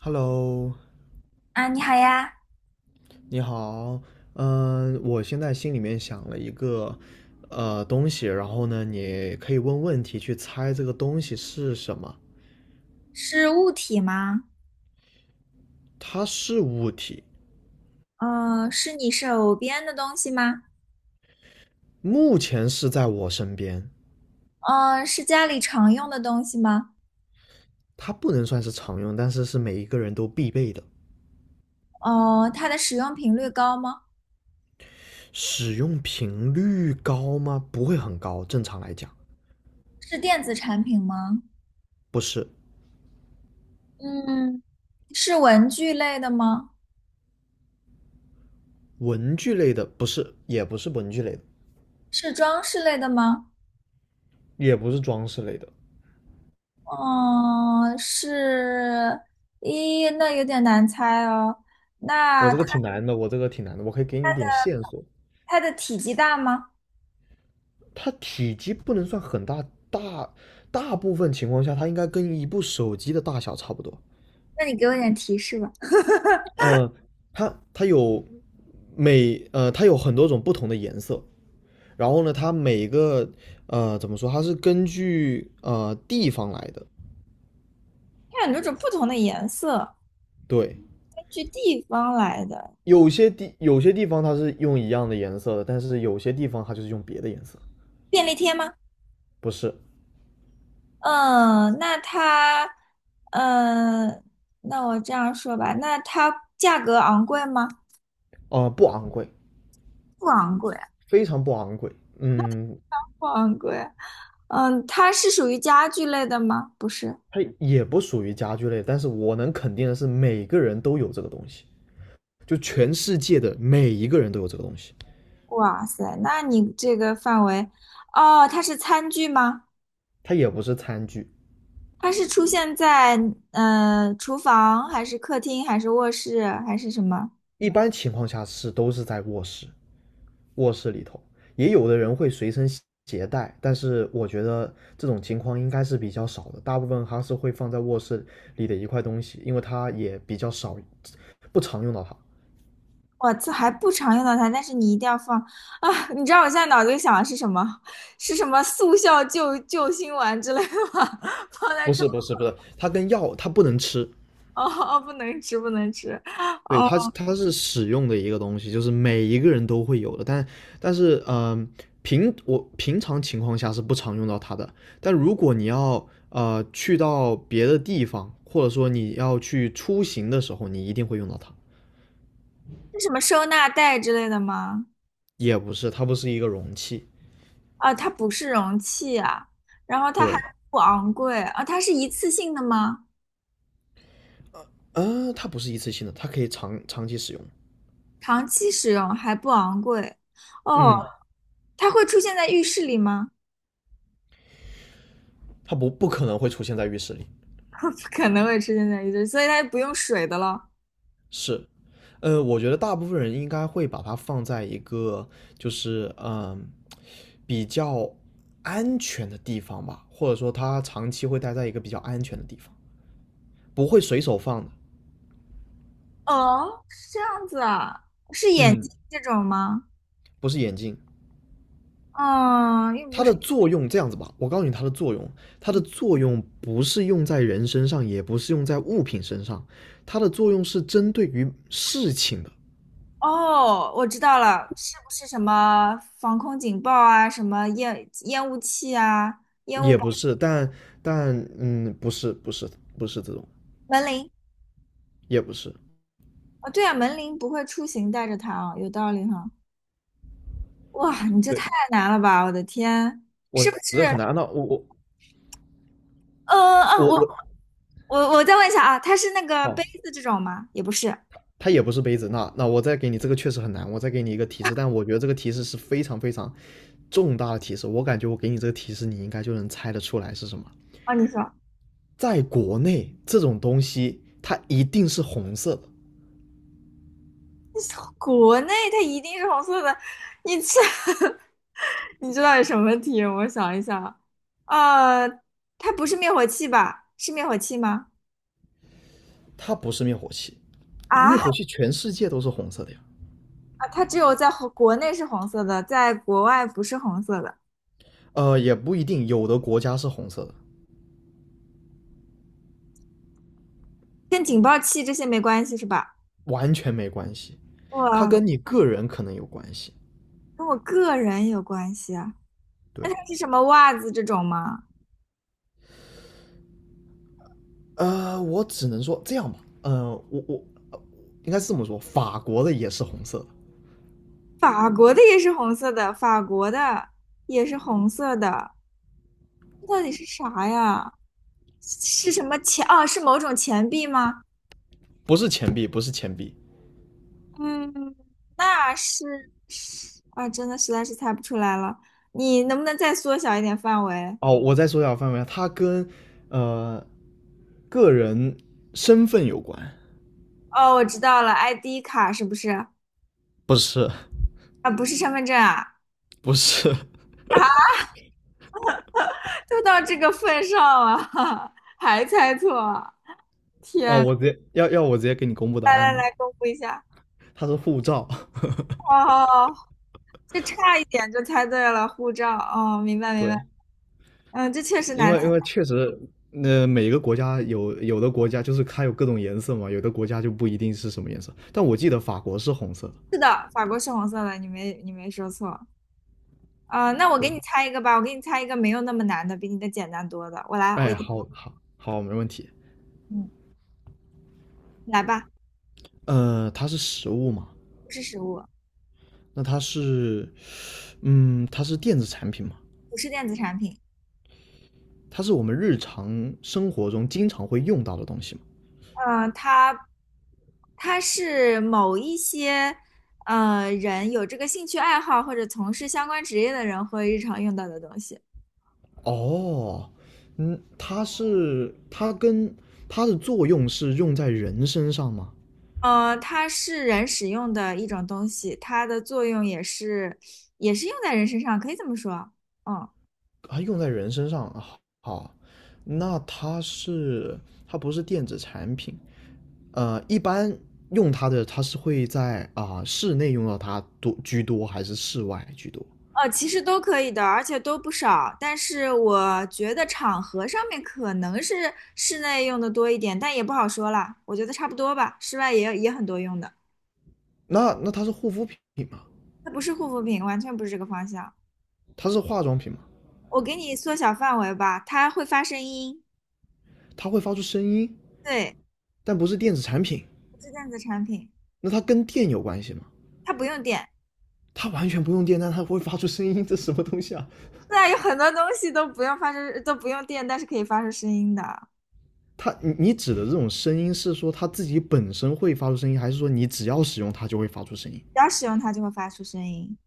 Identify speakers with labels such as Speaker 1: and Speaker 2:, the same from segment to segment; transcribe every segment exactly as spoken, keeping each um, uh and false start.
Speaker 1: Hello，
Speaker 2: 啊，你好呀。
Speaker 1: 你好，嗯，我现在心里面想了一个呃东西，然后呢，你可以问问题去猜这个东西是什么。
Speaker 2: 是物体吗？
Speaker 1: 它是物体，
Speaker 2: 嗯，是你手边的东西吗？
Speaker 1: 目前是在我身边，
Speaker 2: 嗯，是家里常用的东西吗？
Speaker 1: 它不能算是常用，但是是每一个人都必备的。
Speaker 2: 嗯，它的使用频率高吗？
Speaker 1: 使用频率高吗？不会很高，正常来讲，
Speaker 2: 是电子产品吗？
Speaker 1: 不是
Speaker 2: 嗯，是文具类的吗？
Speaker 1: 文具类的，不是，也不是文具类的，
Speaker 2: 是装饰类的吗？
Speaker 1: 也不是装饰类的。
Speaker 2: 嗯，是，咦，那有点难猜哦。
Speaker 1: 我
Speaker 2: 那
Speaker 1: 这
Speaker 2: 它
Speaker 1: 个挺难的，我这个挺难的，我可以给你一点线索。
Speaker 2: 它的体积大吗？
Speaker 1: 它体积不能算很大，大大部分情况下它应该跟一部手机的大小差不多。
Speaker 2: 那你给我点提示吧。
Speaker 1: 呃，它它有每呃它有很多种不同的颜色，然后呢，它每个呃怎么说，它是根据呃地方来的。
Speaker 2: 它有很多种不同的颜色，
Speaker 1: 对，
Speaker 2: 根据地方来的。
Speaker 1: 有些地有些地方它是用一样的颜色的，但是有些地方它就是用别的颜色，
Speaker 2: 便利贴吗？
Speaker 1: 不是，
Speaker 2: 嗯，那它，嗯，那我这样说吧，那它价格昂贵吗？
Speaker 1: 啊呃，不昂贵，
Speaker 2: 不昂贵。
Speaker 1: 非常不昂贵。嗯，
Speaker 2: 不昂贵。嗯，它是属于家具类的吗？不是。
Speaker 1: 它也不属于家具类，但是我能肯定的是，每个人都有这个东西，就全世界的每一个人都有这个东西。
Speaker 2: 哇塞，那你这个范围，哦，它是餐具吗？
Speaker 1: 它也不是餐具，
Speaker 2: 它是出现在嗯厨房还是客厅还是卧室还是什么？
Speaker 1: 一般情况下是都是在卧室，卧室里头，也有的人会随身携带，但是我觉得这种情况应该是比较少的，大部分它是会放在卧室里的一块东西，因为它也比较少，不常用到它。
Speaker 2: 我这还不常用到它，但是你一定要放啊！你知道我现在脑子里想的是什么？是什么速效救救心丸之类的吗？放在
Speaker 1: 不
Speaker 2: 床
Speaker 1: 是不是不是，它跟药它不能吃，
Speaker 2: 哦，哦不能吃，不能吃
Speaker 1: 对，
Speaker 2: 哦。
Speaker 1: 它是它是使用的一个东西，就是每一个人都会有的，但但是嗯、平我平常情况下是不常用到它的，但如果你要呃去到别的地方，或者说你要去出行的时候，你一定会用到它。
Speaker 2: 是什么收纳袋之类的吗？
Speaker 1: 也不是，它不是一个容器，
Speaker 2: 啊，它不是容器啊，然后它还
Speaker 1: 对，
Speaker 2: 不昂贵啊，它是一次性的吗？
Speaker 1: 呃，它不是一次性的，它可以长长期使用，
Speaker 2: 长期使用还不昂贵哦，
Speaker 1: 嗯，
Speaker 2: 它会出现在浴室里吗？
Speaker 1: 它不不可能会出现在浴室里，
Speaker 2: 不可能会出现在浴室，所以它就不用水的了。
Speaker 1: 是，呃，我觉得大部分人应该会把它放在一个就是嗯比较安全的地方吧，或者说他长期会待在一个比较安全的地方，不会随手放的。
Speaker 2: 哦，是这样子啊，是眼
Speaker 1: 嗯，
Speaker 2: 睛这种吗？
Speaker 1: 不是眼镜，
Speaker 2: 嗯，又不
Speaker 1: 它的
Speaker 2: 是。
Speaker 1: 作用这样子吧，我告诉你它的作用，它的作用不是用在人身上，也不是用在物品身上，它的作用是针对于事情的，
Speaker 2: 哦，我知道了，是不是什么防空警报啊，什么烟烟雾器啊，烟雾
Speaker 1: 也不是，但但嗯，不是不是不是这种，
Speaker 2: 门铃？
Speaker 1: 也不是。
Speaker 2: 哦，对啊，门铃不会出行带着它啊，有道理哈。哇，你这
Speaker 1: 对。
Speaker 2: 太难了吧，我的天，是不
Speaker 1: 我这
Speaker 2: 是？
Speaker 1: 很难啊。那我我
Speaker 2: 呃啊，
Speaker 1: 我
Speaker 2: 我
Speaker 1: 我，
Speaker 2: 我我再问一下啊，它是那个杯
Speaker 1: 好，
Speaker 2: 子这种吗？也不是。
Speaker 1: 它也不是杯子。那那我再给你这个确实很难，我再给你一个提示，但我觉得这个提示是非常非常重大的提示。我感觉我给你这个提示，你应该就能猜得出来是什么。
Speaker 2: 哦，你说，
Speaker 1: 在国内，这种东西它一定是红色的，
Speaker 2: 国内它一定是红色的，你这 你知道有什么题？我想一想，呃，它不是灭火器吧？是灭火器吗？
Speaker 1: 它不是灭火器。灭
Speaker 2: 啊，
Speaker 1: 火器全世界都是红色的呀。
Speaker 2: 啊它只有在红国内是红色的，在国外不是红色的，
Speaker 1: 呃，也不一定，有的国家是红色的，
Speaker 2: 跟警报器这些没关系是吧？
Speaker 1: 完全没关系。它
Speaker 2: 哇，
Speaker 1: 跟你个人可能有关系。
Speaker 2: 跟我个人有关系啊。那它
Speaker 1: 对，
Speaker 2: 是什么袜子这种吗？
Speaker 1: 呃，我只能说这样吧，呃，我我呃应该是这么说，法国的也是红色的，
Speaker 2: 法国的也是红色的，法国的也是红色的，这到底是啥呀？是什么钱？哦，是某种钱币吗？
Speaker 1: 不是钱币，不是钱币。
Speaker 2: 嗯，那是啊，真的实在是猜不出来了。你能不能再缩小一点范围？
Speaker 1: 哦，我再缩下范围啊，它跟呃个人身份有关，
Speaker 2: 哦，我知道了，I D 卡是不是？
Speaker 1: 不是，
Speaker 2: 啊，不是身份证啊！
Speaker 1: 不是。
Speaker 2: 啊，都到这个份上了，还猜错！
Speaker 1: 哦，
Speaker 2: 天，
Speaker 1: 我直接要要我直接给你公布答
Speaker 2: 来
Speaker 1: 案
Speaker 2: 来
Speaker 1: 吗？
Speaker 2: 来，公布一下。
Speaker 1: 它是护照。
Speaker 2: 哦，这差一点就猜对了，护照。哦，明白明白。
Speaker 1: 对，
Speaker 2: 嗯，这确实
Speaker 1: 因
Speaker 2: 难猜。
Speaker 1: 为因为确实，呃，每个国家有有的国家就是它有各种颜色嘛，有的国家就不一定是什么颜色。但我记得法国是红色的。
Speaker 2: 是的，法国是红色的，你没你没说错。啊，那我给
Speaker 1: 对，
Speaker 2: 你猜一个吧，我给你猜一个没有那么难的，比你的简单多的。我来，我。
Speaker 1: 哎，好好好，没问题。
Speaker 2: 嗯，来吧，
Speaker 1: 呃，它是食物嘛，
Speaker 2: 不是食物，
Speaker 1: 那它是，嗯，它是电子产品嘛，
Speaker 2: 不是电子产品，
Speaker 1: 它是我们日常生活中经常会用到的东西嘛。
Speaker 2: 呃，它它是某一些呃人有这个兴趣爱好或者从事相关职业的人会日常用到的东西，
Speaker 1: 哦，嗯，它是它跟它的作用是用在人身上吗？
Speaker 2: 呃，它是人使用的一种东西，它的作用也是也是用在人身上，可以这么说，嗯。
Speaker 1: 啊，用在人身上啊，好，那它是它不是电子产品，呃，一般用它的它是会在啊、室内用到它多居多，还是室外居多？
Speaker 2: 呃，其实都可以的，而且都不少。但是我觉得场合上面可能是室内用的多一点，但也不好说啦。我觉得差不多吧，室外也也很多用的。
Speaker 1: 那那它是护肤品吗？
Speaker 2: 它不是护肤品，完全不是这个方向。
Speaker 1: 它是化妆品嘛，
Speaker 2: 我给你缩小范围吧，它会发声音，
Speaker 1: 它会发出声音，
Speaker 2: 对，
Speaker 1: 但不是电子产品。
Speaker 2: 不是电子产品，
Speaker 1: 那它跟电有关系吗？
Speaker 2: 它不用电。
Speaker 1: 它完全不用电，但它会发出声音，这什么东西啊？
Speaker 2: 对啊，有很多东西都不用发出，都不用电，但是可以发出声音的，
Speaker 1: 它你你指的这种声音是说它自己本身会发出声音，还是说你只要使用它就会发出声音？
Speaker 2: 只要使用它就会发出声音。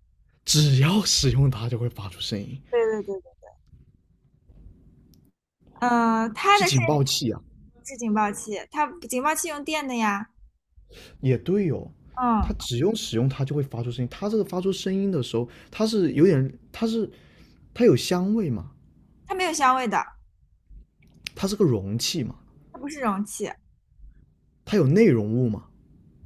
Speaker 1: 只要使用它就会发出声音，
Speaker 2: 对对对对，嗯，它
Speaker 1: 是
Speaker 2: 的声
Speaker 1: 警
Speaker 2: 音
Speaker 1: 报器啊？
Speaker 2: 是警报器，它警报器用电的呀。
Speaker 1: 也对哦，
Speaker 2: 嗯，
Speaker 1: 它只用使用它就会发出声音。它这个发出声音的时候，它是有点，它是它有香味嘛，
Speaker 2: 它没有香味的，
Speaker 1: 它是个容器嘛，
Speaker 2: 它不是容器。
Speaker 1: 它有内容物嘛，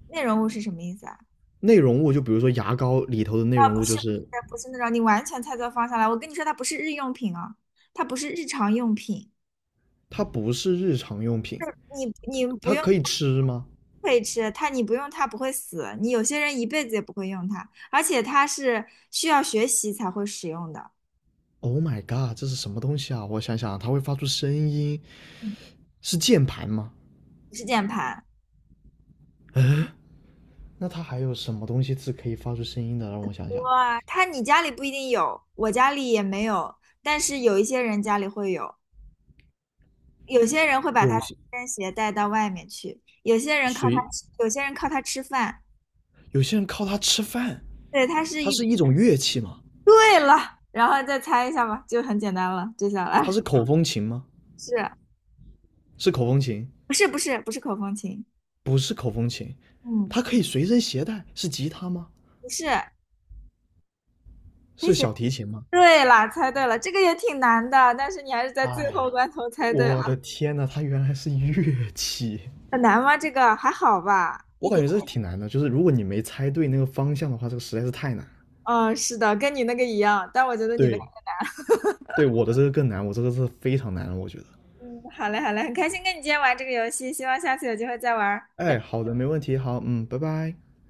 Speaker 2: 内容物是什么意思啊？
Speaker 1: 内容物，就比如说牙膏里头的内
Speaker 2: 啊，
Speaker 1: 容
Speaker 2: 不
Speaker 1: 物，
Speaker 2: 是
Speaker 1: 就
Speaker 2: 不
Speaker 1: 是
Speaker 2: 是不是那种，你完全猜错方向了。我跟你说，它不是日用品啊，它不是日常用品。
Speaker 1: 它不是日常用品，
Speaker 2: 你你不
Speaker 1: 它
Speaker 2: 用
Speaker 1: 可以吃吗
Speaker 2: 可以吃它，你不用它不会死。你有些人一辈子也不会用它，而且它是需要学习才会使用的，
Speaker 1: ？Oh my god，这是什么东西啊？我想想啊，它会发出声音，
Speaker 2: 嗯
Speaker 1: 是键盘吗？
Speaker 2: 不是键盘。
Speaker 1: 那它还有什么东西是可以发出声音的？让我想想，
Speaker 2: 哇，它你家里不一定有，我家里也没有，但是有一些人家里会有，有些人会把它
Speaker 1: 有
Speaker 2: 随
Speaker 1: 些
Speaker 2: 身携带到外面去，有些人靠它
Speaker 1: 谁
Speaker 2: 吃，有些人靠它吃饭。
Speaker 1: 有些人靠它吃饭，
Speaker 2: 对，它是
Speaker 1: 它
Speaker 2: 一，
Speaker 1: 是一种乐器吗？
Speaker 2: 对了，然后再猜一下吧，就很简单了，接下
Speaker 1: 它
Speaker 2: 来
Speaker 1: 是口风琴吗？
Speaker 2: 是
Speaker 1: 是口风琴，
Speaker 2: 不是不是不是口风琴？
Speaker 1: 不是口风琴，
Speaker 2: 嗯，
Speaker 1: 它可以随身携带，是吉他吗？
Speaker 2: 不是，可以
Speaker 1: 是
Speaker 2: 写。
Speaker 1: 小提琴吗？
Speaker 2: 对啦，猜对了，这个也挺难的，但是你还是在最
Speaker 1: 哎
Speaker 2: 后
Speaker 1: 呀，
Speaker 2: 关头猜对了，
Speaker 1: 我的天呐，它原来是乐器，
Speaker 2: 很难吗？这个还好吧，一
Speaker 1: 我感
Speaker 2: 点。
Speaker 1: 觉这挺难的。就是如果你没猜对那个方向的话，这个实在是太难。
Speaker 2: 嗯，是的，跟你那个一样，但我觉得你那个，
Speaker 1: 对，对，我的这个更难，我这个是非常难了，我觉得。
Speaker 2: 嗯，好嘞，好嘞，很开心跟你今天玩这个游戏，希望下次有机会再玩。
Speaker 1: 哎，好的，没问题，好，嗯，拜拜。